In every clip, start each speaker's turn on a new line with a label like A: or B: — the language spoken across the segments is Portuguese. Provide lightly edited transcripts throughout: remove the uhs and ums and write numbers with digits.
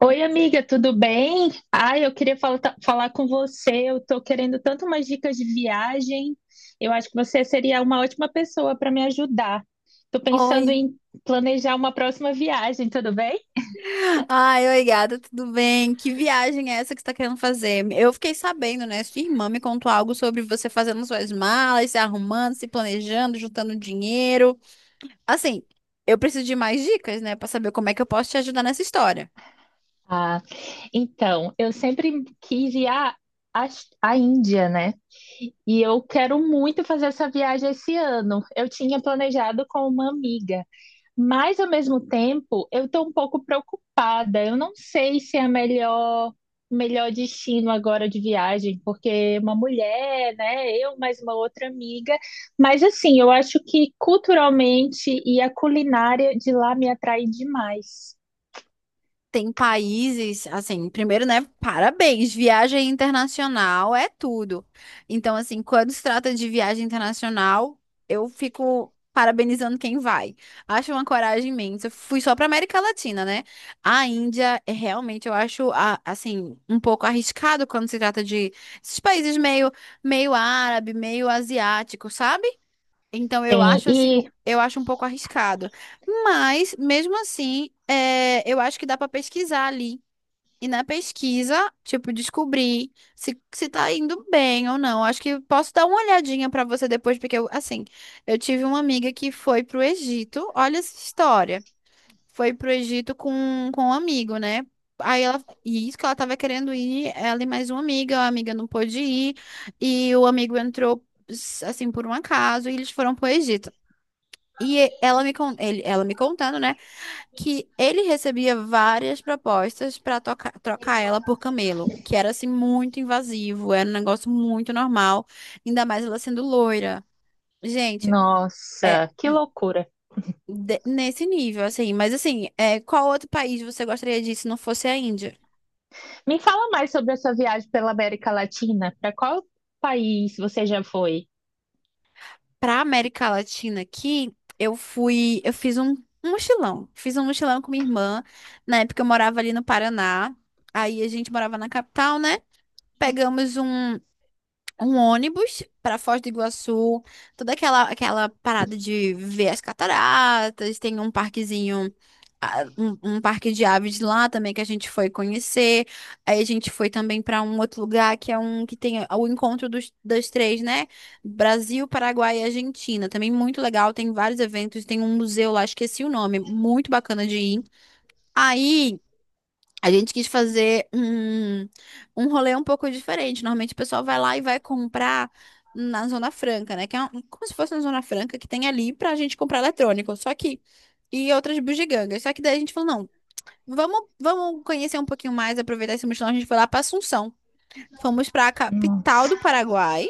A: Oi, amiga, tudo bem? Ai, eu queria falar com você. Eu tô querendo tanto umas dicas de viagem. Eu acho que você seria uma ótima pessoa para me ajudar. Tô pensando
B: Oi.
A: em planejar uma próxima viagem, tudo bem?
B: Ai, oi, gata, tudo bem? Que viagem é essa que você tá querendo fazer? Eu fiquei sabendo, né? Sua irmã me contou algo sobre você fazendo suas malas, se arrumando, se planejando, juntando dinheiro. Assim, eu preciso de mais dicas, né, pra saber como é que eu posso te ajudar nessa história.
A: Ah, então, eu sempre quis ir à, à Índia, né? E eu quero muito fazer essa viagem esse ano. Eu tinha planejado com uma amiga. Mas, ao mesmo tempo, eu estou um pouco preocupada. Eu não sei se é o melhor destino agora de viagem, porque uma mulher, né? Eu mais uma outra amiga. Mas, assim, eu acho que culturalmente e a culinária de lá me atrai demais.
B: Tem países, assim, primeiro, né? Parabéns, viagem internacional é tudo. Então, assim, quando se trata de viagem internacional, eu fico parabenizando quem vai. Acho uma coragem imensa. Eu fui só para América Latina, né? A Índia, é realmente, eu acho, assim, um pouco arriscado quando se trata de esses países meio, meio árabe, meio asiático, sabe? Então, eu
A: Sim,
B: acho assim,
A: e
B: eu acho um pouco arriscado. Mas, mesmo assim, é, eu acho que dá para pesquisar ali. E na pesquisa, tipo, descobrir se tá indo bem ou não. Acho que posso dar uma olhadinha para você depois, porque eu, assim, eu tive uma amiga que foi pro Egito. Olha essa história. Foi pro Egito com um amigo, né? Aí ela, e isso que ela tava querendo ir, ela e mais uma amiga, a amiga não pôde ir, e o amigo entrou, assim, por um acaso, e eles foram pro Egito. Ela me contando, né, que ele recebia várias propostas para trocar ela por Camelo, que era assim muito invasivo, era um negócio muito normal, ainda mais ela sendo loira. Gente, é
A: nossa, que
B: e
A: loucura.
B: nesse nível, assim. Mas assim, é, qual outro país você gostaria de ir se não fosse a Índia?
A: Me fala mais sobre a sua viagem pela América Latina. Para qual país você já foi?
B: Para América Latina aqui, eu fui, eu fiz um mochilão, fiz um mochilão com minha irmã. Na época eu morava ali no Paraná, aí a gente morava na capital, né? Pegamos um ônibus para Foz do Iguaçu, toda aquela parada de ver as cataratas, tem um parquezinho, ah, um parque de aves lá também que a gente foi conhecer. Aí a gente foi também para um outro lugar que é um que tem o encontro dos, das três, né? Brasil, Paraguai e Argentina. Também muito legal, tem vários eventos, tem um museu lá, esqueci o nome, muito bacana de ir. Aí a gente quis fazer um rolê um pouco diferente. Normalmente o pessoal vai lá e vai comprar na Zona Franca, né? Que é como se fosse na Zona Franca que tem ali pra gente comprar eletrônico. Só que e outras bugigangas. Só que daí a gente falou, não, vamos conhecer um pouquinho mais, aproveitar esse mochilão. A gente foi lá pra Assunção. Fomos pra capital
A: Nossa,
B: do Paraguai.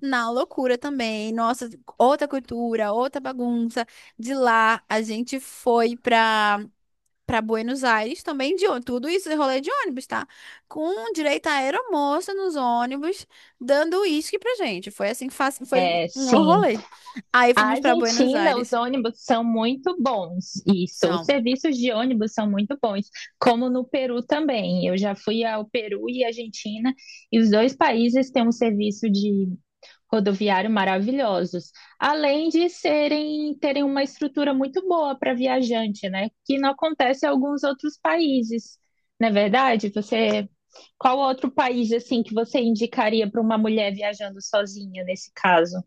B: Na loucura também. Nossa, outra cultura, outra bagunça. De lá a gente foi pra para Buenos Aires também de ônibus. Tudo isso é rolê de ônibus, tá? Com direito a aeromoça nos ônibus, dando uísque pra gente. Foi assim, fácil, foi
A: é,
B: um
A: sim.
B: rolê. Aí
A: A
B: fomos para Buenos
A: Argentina, os
B: Aires.
A: ônibus são muito bons, isso. Os
B: São.
A: serviços de ônibus são muito bons, como no Peru também. Eu já fui ao Peru e Argentina, e os dois países têm um serviço de rodoviário maravilhosos, além de serem terem uma estrutura muito boa para viajante, né? Que não acontece em alguns outros países. Não é verdade? Você, qual outro país assim que você indicaria para uma mulher viajando sozinha nesse caso?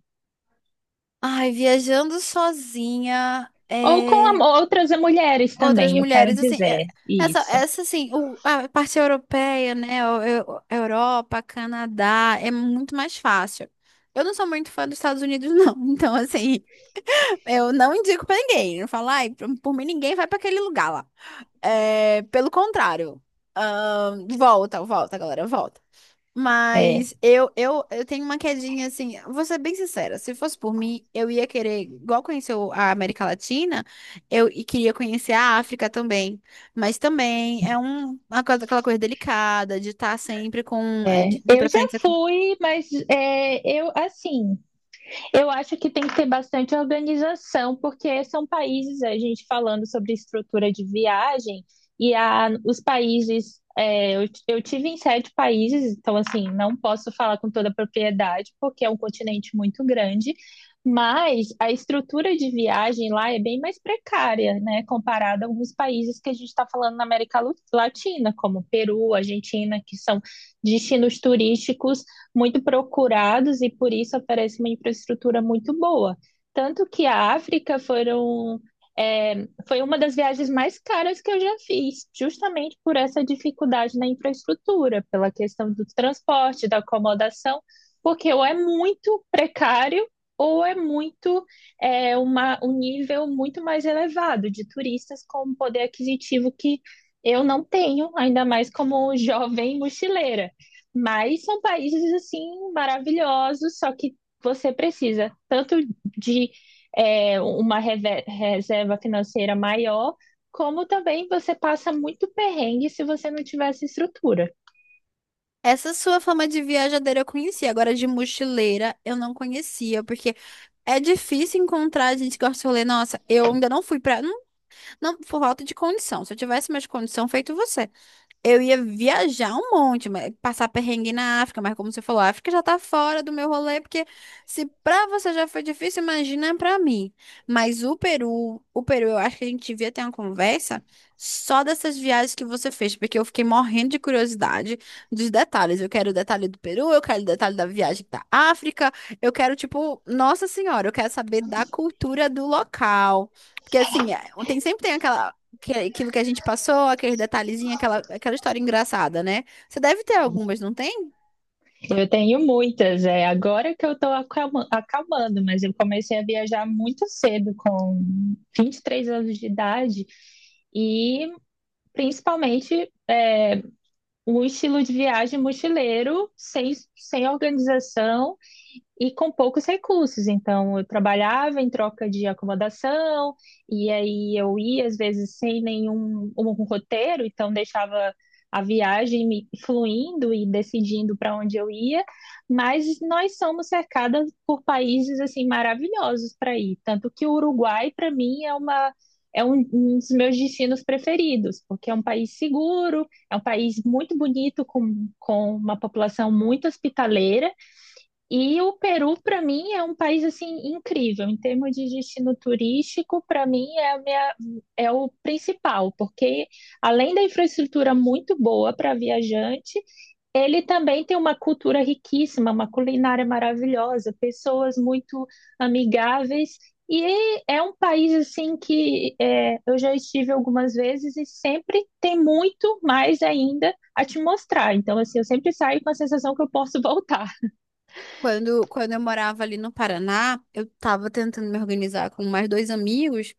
B: Ai, viajando sozinha,
A: Ou com
B: é,
A: outras mulheres
B: outras
A: também, eu quero
B: mulheres, assim, é,
A: dizer
B: essa,
A: isso.
B: essa, assim, a parte europeia, né, Europa, Canadá, é muito mais fácil. Eu não sou muito fã dos Estados Unidos, não, então, assim, eu não indico pra ninguém. Eu não falo, ai, por mim ninguém vai pra aquele lugar lá. É, pelo contrário. Volta, volta, galera, volta.
A: É,
B: Mas eu tenho uma quedinha assim, vou ser bem sincera, se fosse por mim, eu ia querer, igual conheceu a América Latina, eu queria conhecer a África também. Mas também é um, uma coisa, aquela coisa delicada de estar sempre com,
A: é.
B: de
A: Eu já
B: preferência com.
A: fui, mas é, eu assim, eu acho que tem que ter bastante organização, porque são países, a gente falando sobre estrutura de viagem, e os países. É, eu tive em sete países, então, assim, não posso falar com toda a propriedade, porque é um continente muito grande, mas a estrutura de viagem lá é bem mais precária, né, comparada a alguns países que a gente está falando na América Latina, como Peru, Argentina, que são destinos turísticos muito procurados e por isso oferece uma infraestrutura muito boa. Tanto que a África foram, é, foi uma das viagens mais caras que eu já fiz, justamente por essa dificuldade na infraestrutura, pela questão do transporte, da acomodação, porque ou é muito precário ou é muito é, uma, um nível muito mais elevado de turistas com um poder aquisitivo que eu não tenho, ainda mais como jovem mochileira. Mas são países assim maravilhosos, só que você precisa tanto de é, uma reserva financeira maior, como também você passa muito perrengue se você não tiver essa estrutura.
B: Essa sua fama de viajadeira eu conhecia, agora de mochileira eu não conhecia, porque é difícil encontrar gente que gosta de rolê. Nossa, eu ainda não fui pra. Não, não, Por falta de condição. Se eu tivesse mais condição, feito você. Eu ia viajar um monte, mas passar perrengue na África, mas como você falou, a África já tá fora do meu rolê, porque se pra você já foi difícil, imagina pra mim. Mas o Peru, eu acho que a gente devia ter uma conversa só dessas viagens que você fez, porque eu fiquei morrendo de curiosidade dos detalhes. Eu quero o detalhe do Peru, eu quero o detalhe da viagem da África, eu quero, tipo, Nossa Senhora, eu quero saber da cultura do local. Porque assim, é, tem sempre tem aquela aquilo que a gente passou, aqueles detalhezinhos, aquela história engraçada, né? Você deve ter algumas, não tem?
A: Eu tenho muitas, é agora que eu estou acalmando, mas eu comecei a viajar muito cedo, com 23 anos de idade, e principalmente é, um estilo de viagem mochileiro, sem organização e com poucos recursos. Então, eu trabalhava em troca de acomodação, e aí eu ia, às vezes, sem nenhum um roteiro, então deixava a viagem me fluindo e decidindo para onde eu ia, mas nós somos cercadas por países assim maravilhosos para ir, tanto que o Uruguai para mim é uma é um, um dos meus destinos preferidos, porque é um país seguro, é um país muito bonito, com uma população muito hospitaleira, e o Peru, para mim, é um país assim incrível em termos de destino turístico. Para mim, é o principal, porque além da infraestrutura muito boa para viajante, ele também tem uma cultura riquíssima, uma culinária maravilhosa, pessoas muito amigáveis. E é um país assim que é, eu já estive algumas vezes e sempre tem muito mais ainda a te mostrar. Então, assim, eu sempre saio com a sensação que eu posso voltar.
B: Quando eu morava ali no Paraná, eu tava tentando me organizar com mais dois amigos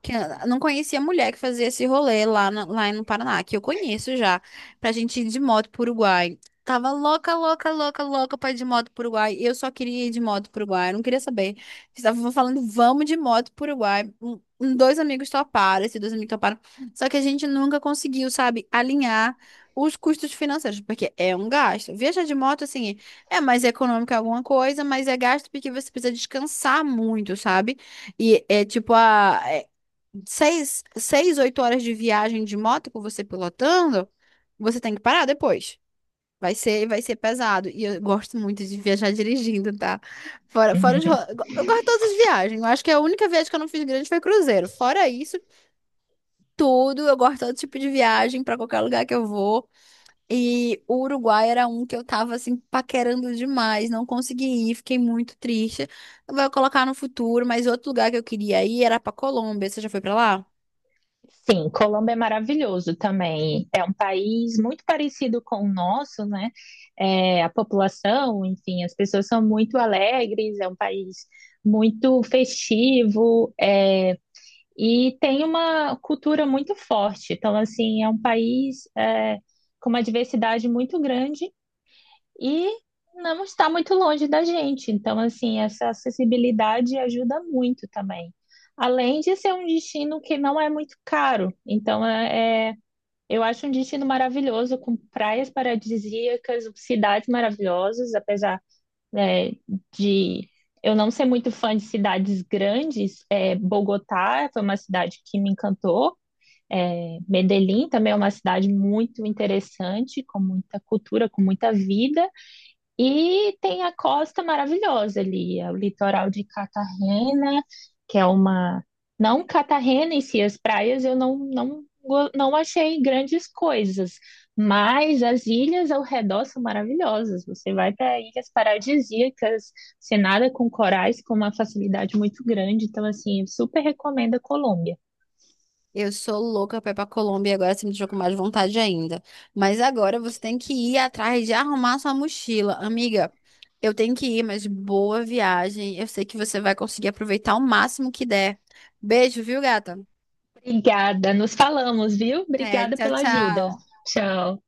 B: que ah, não conhecia a mulher que fazia esse rolê lá, lá no Paraná, que eu conheço já, pra gente ir de moto pro Uruguai. Tava louca pra ir de moto pro Uruguai. Eu só queria ir de moto pro Uruguai, eu não queria saber. Estavam falando, vamos de moto pro Uruguai. Dois amigos toparam, esses dois amigos toparam. Só que a gente nunca conseguiu, sabe, alinhar os custos financeiros, porque é um gasto. Viajar de moto, assim. É mais econômico em alguma coisa, mas é gasto porque você precisa descansar muito, sabe? E é tipo oito horas de viagem de moto com você pilotando, você tem que parar depois. Vai ser pesado. E eu gosto muito de viajar dirigindo, tá? Fora, fora de, ro- Eu go- Eu gosto de todas as viagens. Eu acho que a única viagem que eu não fiz grande foi cruzeiro. Fora isso, tudo, eu gosto de todo tipo de viagem pra qualquer lugar que eu vou. E o Uruguai era um que eu tava assim paquerando demais, não consegui ir, fiquei muito triste. Vou colocar no futuro, mas outro lugar que eu queria ir era pra Colômbia. Você já foi pra lá?
A: Sim, Colômbia é maravilhoso também. É um país muito parecido com o nosso, né? É, a população, enfim, as pessoas são muito alegres, é um país muito festivo, é, e tem uma cultura muito forte. Então, assim, é um país é, com uma diversidade muito grande e não está muito longe da gente. Então, assim, essa acessibilidade ajuda muito também. Além de ser um destino que não é muito caro. Então, é, é eu acho um destino maravilhoso, com praias paradisíacas, cidades maravilhosas, apesar, né, de eu não ser muito fã de cidades grandes. É, Bogotá foi uma cidade que me encantou. É, Medellín também é uma cidade muito interessante, com muita cultura, com muita vida. E tem a costa maravilhosa ali, é o litoral de Cartagena, que é uma. Não Cartagena em si, as praias eu não, não, não achei grandes coisas, mas as ilhas ao redor são maravilhosas. Você vai para ilhas paradisíacas, você nada com corais com uma facilidade muito grande. Então, assim, eu super recomendo a Colômbia.
B: Eu sou louca pra ir pra Colômbia e agora você me deixou com mais vontade ainda. Mas agora você tem que ir atrás de arrumar sua mochila. Amiga, eu tenho que ir, mas boa viagem. Eu sei que você vai conseguir aproveitar o máximo que der. Beijo, viu, gata?
A: Obrigada, nos falamos, viu?
B: É,
A: Obrigada
B: tchau,
A: pela ajuda.
B: tchau.
A: Tchau.